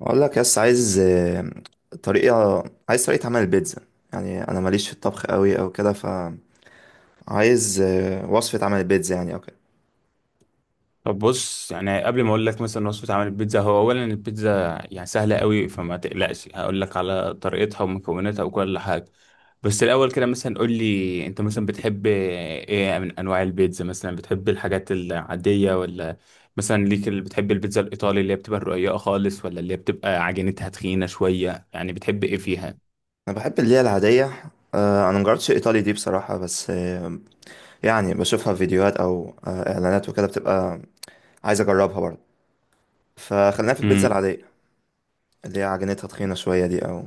اقول لك يس طريقة عايز طريقة عمل البيتزا. يعني انا ماليش في الطبخ قوي او كده، فعايز وصفة عمل البيتزا يعني او كده. طب بص يعني قبل ما اقول لك مثلا وصفه عمل البيتزا، هو اولا البيتزا يعني سهله قوي، فما تقلقش. هقول لك على طريقتها ومكوناتها وكل حاجه. بس الاول كده مثلا قول لي انت مثلا بتحب ايه من انواع البيتزا؟ مثلا بتحب الحاجات العاديه ولا مثلا ليك اللي بتحب البيتزا الايطالي اللي هي بتبقى رقيقه خالص، ولا اللي هي بتبقى عجينتها تخينه شويه؟ يعني بتحب ايه فيها؟ انا بحب اللي هي العادية. انا مجربتش الايطالي دي بصراحة، بس. يعني بشوفها في فيديوهات او اعلانات وكده، بتبقى عايز اجربها برضه. فخلينا في البيتزا امم العادية اللي هي عجينتها تخينة شوية دي او.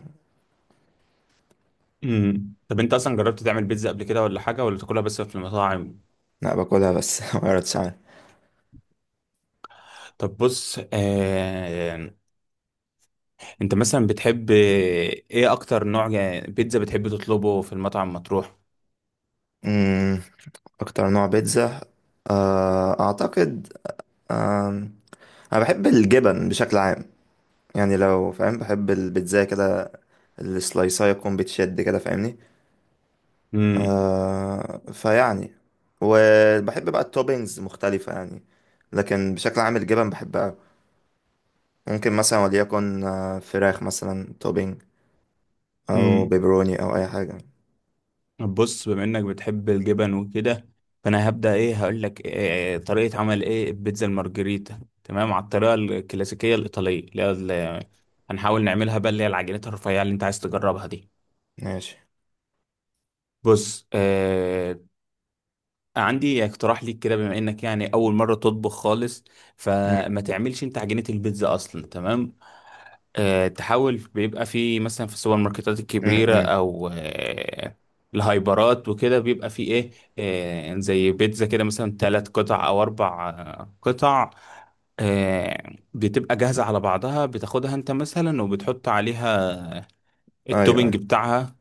طب انت اصلا جربت تعمل بيتزا قبل كده ولا حاجه، ولا تاكلها بس في المطاعم؟ لا، باكلها بس ما قررتش عنها. طب بص، انت مثلا بتحب ايه اكتر نوع بيتزا بتحب تطلبه في المطعم مطروح؟ أمم، اكتر نوع بيتزا، اعتقد انا بحب الجبن بشكل عام. يعني لو فاهم بحب البيتزا كده، السلايسايه تكون بتشد كده فاهمني. امم فيعني وبحب بقى التوبينجز مختلفه يعني، لكن بشكل عام الجبن بحبها. ممكن مثلا وليكن فراخ مثلا توبينج، او امم بيبروني، او اي حاجه. بص، بما انك بتحب الجبن وكده، فانا هبدا ايه هقول لك إيه طريقه عمل ايه البيتزا المارجريتا، تمام، على الطريقه الكلاسيكيه الايطاليه اللي هي هنحاول نعملها بقى، اللي هي العجينات الرفيعه اللي انت عايز تجربها دي. ماشي. بص، عندي اقتراح ليك كده، بما انك يعني اول مره تطبخ خالص، م- فما تعملش انت عجينه البيتزا اصلا، تمام. تحاول بيبقى في مثلا في السوبر ماركتات م- الكبيره، م. او الهايبرات وكده بيبقى في ايه، زي بيتزا كده مثلا ثلاث قطع او اربع قطع. بتبقى جاهزه على بعضها، بتاخدها انت مثلا وبتحط عليها ايوه، التوبينج أيوة. بتاعها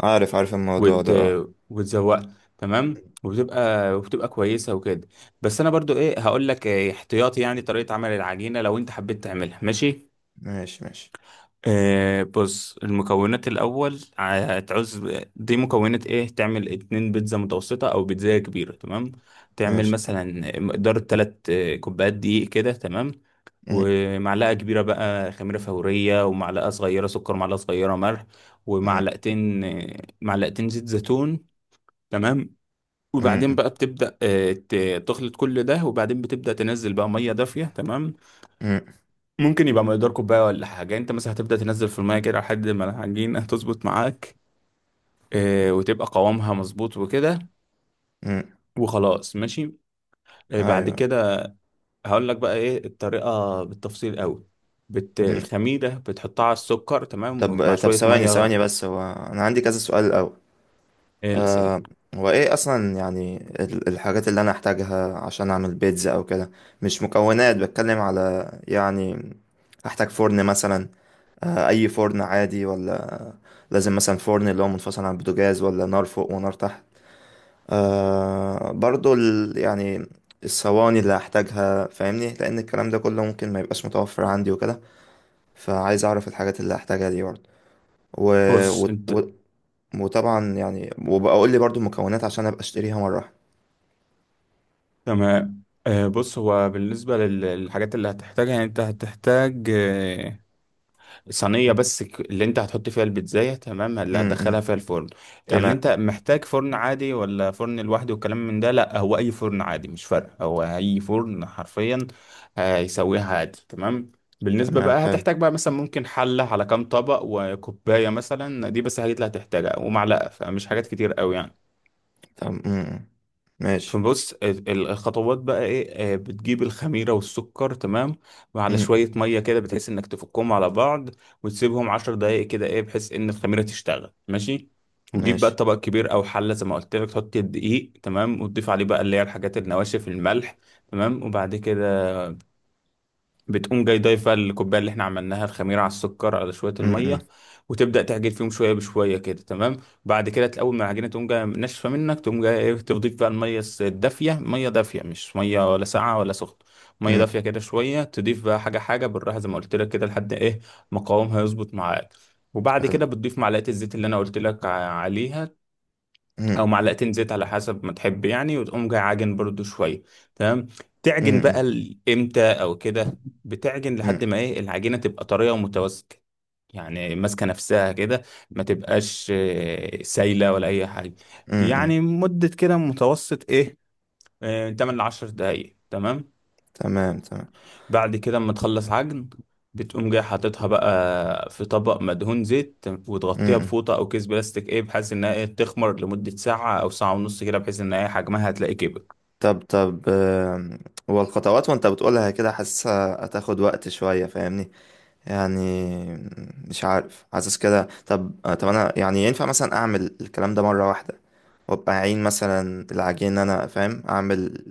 عارف عارف الموضوع وت... ده، اه. وتزوقها، تمام، وبتبقى كويسه وكده. بس انا برضو ايه هقول لك إيه احتياطي يعني طريقه عمل العجينه لو انت حبيت تعملها، ماشي. ماشي ماشي بص، المكونات الاول هتعوز. دي مكونات ايه تعمل اتنين بيتزا متوسطه او بيتزا كبيره، تمام. تعمل ماشي. مثلا مقدار تلات كوبايات دقيق كده، تمام. م- ومعلقه كبيره بقى خميره فوريه، ومعلقه صغيره سكر، معلقه صغيره ملح، م- ومعلقتين آه، معلقتين زيت زيتون، تمام. م- وبعدين م- بقى بتبدأ تخلط كل ده، وبعدين بتبدأ تنزل بقى مية دافية، تمام. م- ممكن يبقى مقدار كوباية ولا حاجة، انت مثلا هتبدأ تنزل في المية كده لحد ما العجينة تظبط معاك، وتبقى قوامها مظبوط وكده. م. وخلاص، ماشي. بعد ايوه. كده هقول لك بقى ايه الطريقة بالتفصيل قوي. الخميرة بتحطها على السكر، تمام، مع طب طب، شوية ثواني مية. ثواني، بس هو انا عندي كذا سؤال الاول. الأسئلة. آه هو ايه اصلا، يعني الحاجات اللي انا احتاجها عشان اعمل بيتزا او كده. مش مكونات، بتكلم على يعني. احتاج فرن مثلا؟ اي فرن عادي ولا لازم مثلا فرن اللي هو منفصل عن البوتاجاز، ولا نار فوق ونار تحت؟ برضو يعني الصواني اللي هحتاجها فاهمني، لان الكلام ده كله ممكن ما يبقاش متوفر عندي وكده، فعايز اعرف الحاجات اللي هحتاجها دي برضه. و... بص انت. و... وطبعا يعني، وبقى اقول لي برضو المكونات عشان ابقى اشتريها مره واحده. تمام، بص هو بالنسبة للحاجات اللي هتحتاجها يعني انت هتحتاج صينية بس، اللي انت هتحط فيها البيتزاية، تمام، اللي امم. هتدخلها فيها الفرن. اللي تمام انت محتاج فرن عادي ولا فرن لوحده والكلام من ده، لا، هو اي فرن عادي مش فارق، هو اي فرن حرفيا هيسويها عادي، تمام. بالنسبة تمام. بقى حلو. هتحتاج بقى مثلا ممكن حلة على كام طبق وكوباية مثلا، دي بس الحاجات اللي هتحتاجها ومعلقة، فمش حاجات كتير قوي يعني. تمام. امم. ماشي. فبص، الخطوات بقى ايه، بتجيب الخميرة والسكر، تمام، وعلى امم. شوية مية كده بتحس انك تفكهم على بعض. وتسيبهم عشر دقايق كده ايه بحيث ان الخميرة تشتغل، ماشي. وتجيب بقى ماشي. طبق كبير او حلة زي ما قلت لك، تحط الدقيق، تمام، وتضيف عليه بقى اللي هي الحاجات النواشف الملح، تمام. وبعد كده بتقوم جاي ضايفة الكوباية اللي احنا عملناها الخميرة على السكر على شوية المية. امم. وتبدأ تعجن فيهم شوية بشوية كده، تمام. بعد كده تلاقي أول ما العجينة تقوم جاية ناشفة منك، تقوم جاية ايه تضيف بقى المية الدافية. مية دافية مش مية ولا ساقعة ولا سخنة، مية دافية كده شوية. تضيف بقى حاجة حاجة بالراحة زي ما قلت لك كده لحد ايه مقاومها يظبط معاك. وبعد حلو. كده بتضيف معلقة الزيت اللي انا قلت لك عليها، او امم. معلقتين زيت على حسب ما تحب يعني، وتقوم جاي عاجن برضو شويه، تمام. تعجن بقى امم. امتى او كده. بتعجن لحد ما ايه العجينه تبقى طريه ومتماسكه، يعني ماسكه نفسها كده، ما تبقاش سايله ولا اي حاجه، يعني مده كده متوسط ايه، 8 ل 10 دقائق، تمام. تمام تمام. بعد كده اما تخلص عجن، بتقوم جاي حاططها بقى في طبق مدهون زيت، وتغطيها امم. بفوطة أو كيس بلاستيك إيه بحيث إنها إيه تخمر لمدة ساعة أو ساعة ونص كده، بحيث إن إيه حجمها هتلاقي كبر. طب طب، هو الخطوات وانت بتقولها كده حاسسها هتاخد وقت شويه فاهمني. يعني مش عارف، حاسس كده. طب انا يعني ينفع مثلا اعمل الكلام ده مره واحده، وابقى اعين مثلا العجين إن انا فاهم اعمل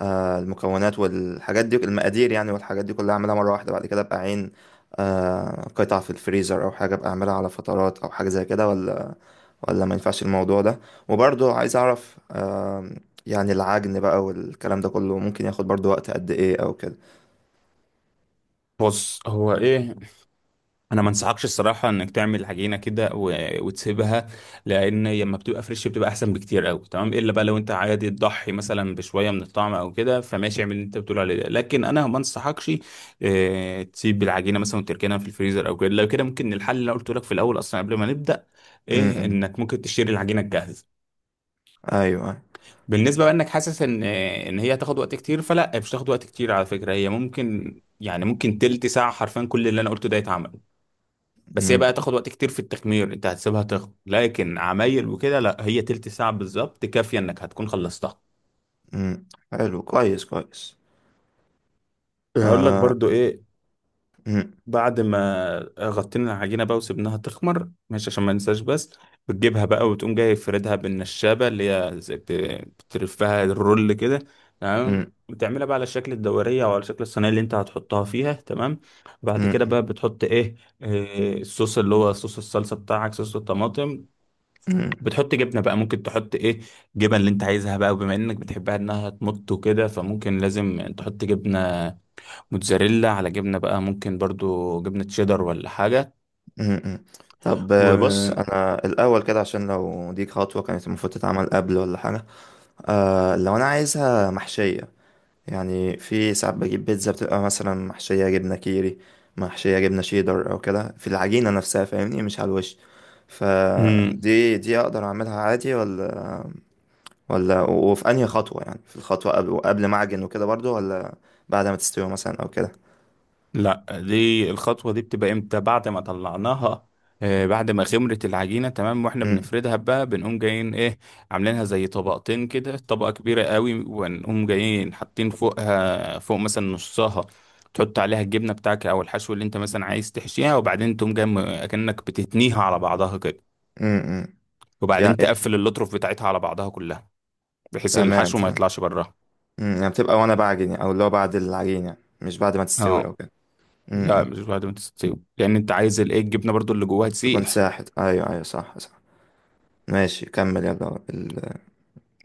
المكونات والحاجات دي المقادير، يعني والحاجات دي كلها اعملها مره واحده، بعد كده ابقى عين قطع في الفريزر او حاجه، ابقى اعملها على فترات او حاجه زي كده، ولا ما ينفعش الموضوع ده؟ وبرضه عايز اعرف، يعني العجن بقى والكلام ده كله ممكن ياخد برضه وقت قد ايه او كده. بص هو إيه، انا ما انصحكش الصراحه انك تعمل عجينه كده وتسيبها، لان لما بتبقى فريش بتبقى احسن بكتير قوي، تمام. الا بقى لو انت عادي تضحي مثلا بشويه من الطعم او كده فماشي، اعمل اللي انت بتقول عليه ده، لكن انا ما انصحكش تسيب العجينه مثلا وتركنها في الفريزر او كده. لو كده ممكن الحل اللي أنا قلته لك في الاول اصلا قبل ما نبدا ايه، امم. انك ممكن تشتري العجينه الجاهزه. ايوه. بالنسبه بقى انك حاسس ان هي هتاخد وقت كتير، فلا، مش هتاخد وقت كتير على فكره، هي ممكن يعني ممكن تلت ساعه حرفيا كل اللي انا قلته ده يتعمل. بس هي امم. بقى تاخد وقت كتير في التخمير، انت هتسيبها تخمر لكن عمايل وكده لا، هي تلت ساعة بالظبط كافية انك هتكون خلصتها. امم. حلو. كويس كويس. هقول لك آه، برضو ايه، امم. بعد ما غطينا العجينة بقى وسبناها تخمر، ماشي، عشان ما ننساش بس، بتجيبها بقى وتقوم جاي فردها بالنشابة اللي هي زي بتلفها الرول كده، امم. تمام. بتعملها بقى على شكل الدورية أو على شكل الصينية اللي أنت هتحطها فيها، تمام. بعد كده امم. بقى بتحط إيه، الصوص اللي هو صوص الصلصة بتاعك صوص الطماطم. امم. بتحط جبنه بقى، ممكن تحط ايه جبن اللي انت عايزها بقى، وبما انك بتحبها انها تمط وكده فممكن لازم تحط جبنه موتزاريلا، على جبنه بقى ممكن برضو جبنه شيدر ولا حاجه. امم. طب و بص انا الاول كده، عشان لو دي خطوه كانت المفروض تتعمل قبل ولا حاجه. لو انا عايزها محشية، يعني في ساعات بجيب بيتزا بتبقى مثلا محشية جبنة كيري، محشية جبنة شيدر، او كده في العجينة نفسها فاهمني، مش على الوش. مم. فدي اقدر اعملها عادي ولا، وفي انهي خطوة، يعني في الخطوة قبل وقبل ما اعجن وكده برضو، ولا بعد ما تستوي مثلا او كده؟ لا، دي الخطوة دي بتبقى امتى بعد ما طلعناها، بعد ما خمرت العجينة تمام واحنا امم. بنفردها بقى بنقوم جايين ايه عاملينها زي طبقتين كده، طبقة كبيرة قوي، ونقوم جايين حاطين فوقها، فوق مثلا نصها، تحط عليها الجبنة بتاعك او الحشو اللي انت مثلا عايز تحشيها، وبعدين تقوم جاي اكنك بتتنيها على بعضها كده، امم. وبعدين يعني تقفل اللطرف بتاعتها على بعضها كلها بحيث تمام الحشو ما تمام. يطلعش براها. يعني بتبقى وانا بعجن يعني، او اللي هو بعد العجينة، يعني مش بعد ما تستوي او اه، كده. لا، امم. مش بعد ما تستوي لان انت عايز الايه الجبنة برضو اللي جواها تكون تسيح. ساحت. ايوه ايوه. صح صح. ماشي كمل يلا.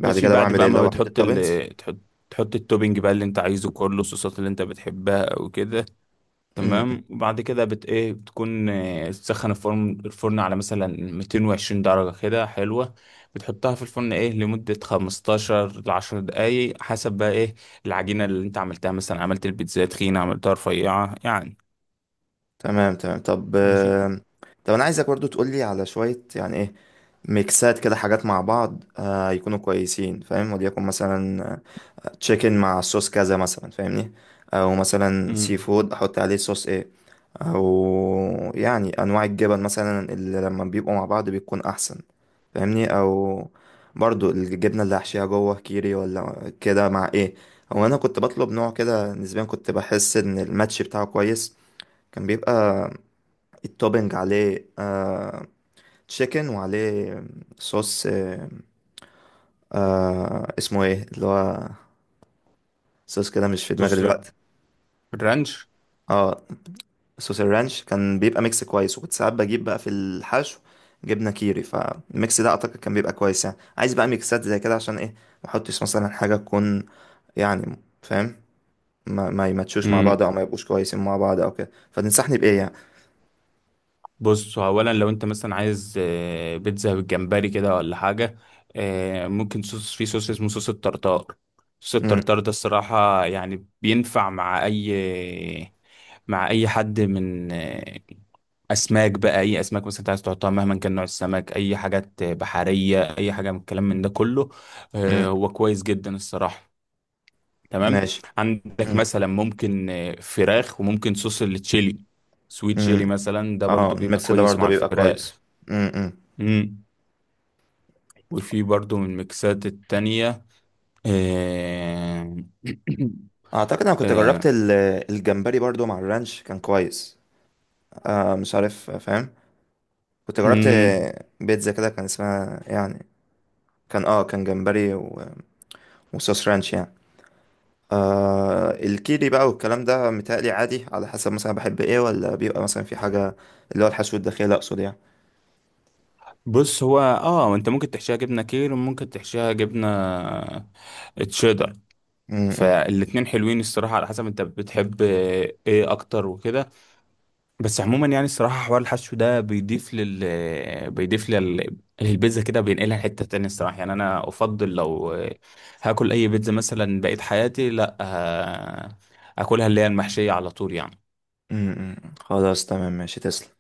بعد ماشي، كده بعد بعمل ايه بقى ما لو احط بتحط التوبنز؟ ال تحط تحط التوبينج بقى اللي انت عايزه كله، الصوصات اللي انت بتحبها او كده، م- م. تمام. وبعد كده ايه بتكون تسخن الفرن على مثلا 220 درجة كده حلوة. بتحطها في الفرن ايه لمدة 15 ل 10 دقايق، حسب بقى ايه العجينة اللي انت عملتها، مثلا عملت البيتزا تخينة عملتها رفيعة يعني. تمام تمام. طب ماشي. طب انا عايزك برضو تقول لي على شوية يعني ايه ميكسات كده حاجات مع بعض، يكونوا كويسين فاهم، وليكن مثلا تشيكن مع صوص كذا مثلا فاهمني، او مثلا سي امم فود احط عليه صوص ايه، او يعني انواع الجبن مثلا اللي لما بيبقوا مع بعض بيكون احسن فاهمني، او برضو الجبنه اللي هحشيها جوه كيري ولا كده مع ايه. هو انا كنت بطلب نوع كده نسبيا، كنت بحس ان الماتش بتاعه كويس. كان بيبقى التوبينج عليه تشيكن، وعليه صوص، اسمه ايه اللي هو، صوص كده مش في دماغي بص، دلوقتي. الرانش. اه، صوص الرانش كان بيبقى ميكس كويس، وكنت ساعات بجيب بقى في الحشو جبنة كيري، فالميكس ده اعتقد كان بيبقى كويس. يعني عايز بقى ميكسات زي كده، عشان ايه ما احطش مثلا حاجة تكون، يعني فاهم، ما يماتشوش مع بعض، او ما يبقوش كويسين مع بعض او كده، فتنصحني بايه يعني؟ بص اولا لو انت مثلا عايز بيتزا بالجمبري كده ولا حاجه، ممكن صوص، في صوص اسمه صوص الطرطار. صوص امم. الطرطار ده الصراحه يعني بينفع مع اي حد من اسماك بقى، اي اسماك مثلا انت عايز تحطها مهما كان نوع السمك، اي حاجات بحريه، اي حاجه من الكلام من ده كله. امم. هو كويس جدا الصراحه، تمام. ماشي. عندك امم. مثلا ممكن فراخ وممكن صوص التشيلي، سويت شيلي امم. مثلا ده اه، برضو بيبقى الميكس ده كويس مع برضه بيبقى الفراخ. كويس. امم. مم. وفي برضو من الميكسات التانية، آه، اعتقد انا كنت جربت آه، الجمبري برضه مع الرانش، كان كويس. مش عارف فاهم، كنت جربت مم. بيتزا كده كان اسمها يعني، كان جمبري وصوص رانش يعني. الكيري بقى والكلام ده متهيألي عادي، على حسب مثلا بحب ايه، ولا بيبقى مثلا في حاجة، اللي هو الحشو الداخلي اقصد يعني. بص هو، انت ممكن تحشيها جبنة كير وممكن تحشيها جبنة تشيدر، م- م- فالاتنين حلوين الصراحة، على حسب انت بتحب ايه اكتر وكده. بس عموما يعني الصراحة حوار الحشو ده بيضيف لل البيتزا كده بينقلها لحتة تانية، الصراحة يعني أنا أفضل لو هاكل أي بيتزا مثلا بقيت حياتي، لأ، أكلها اللي هي المحشية على طول يعني. م- م. خلاص تمام ماشي تسلم.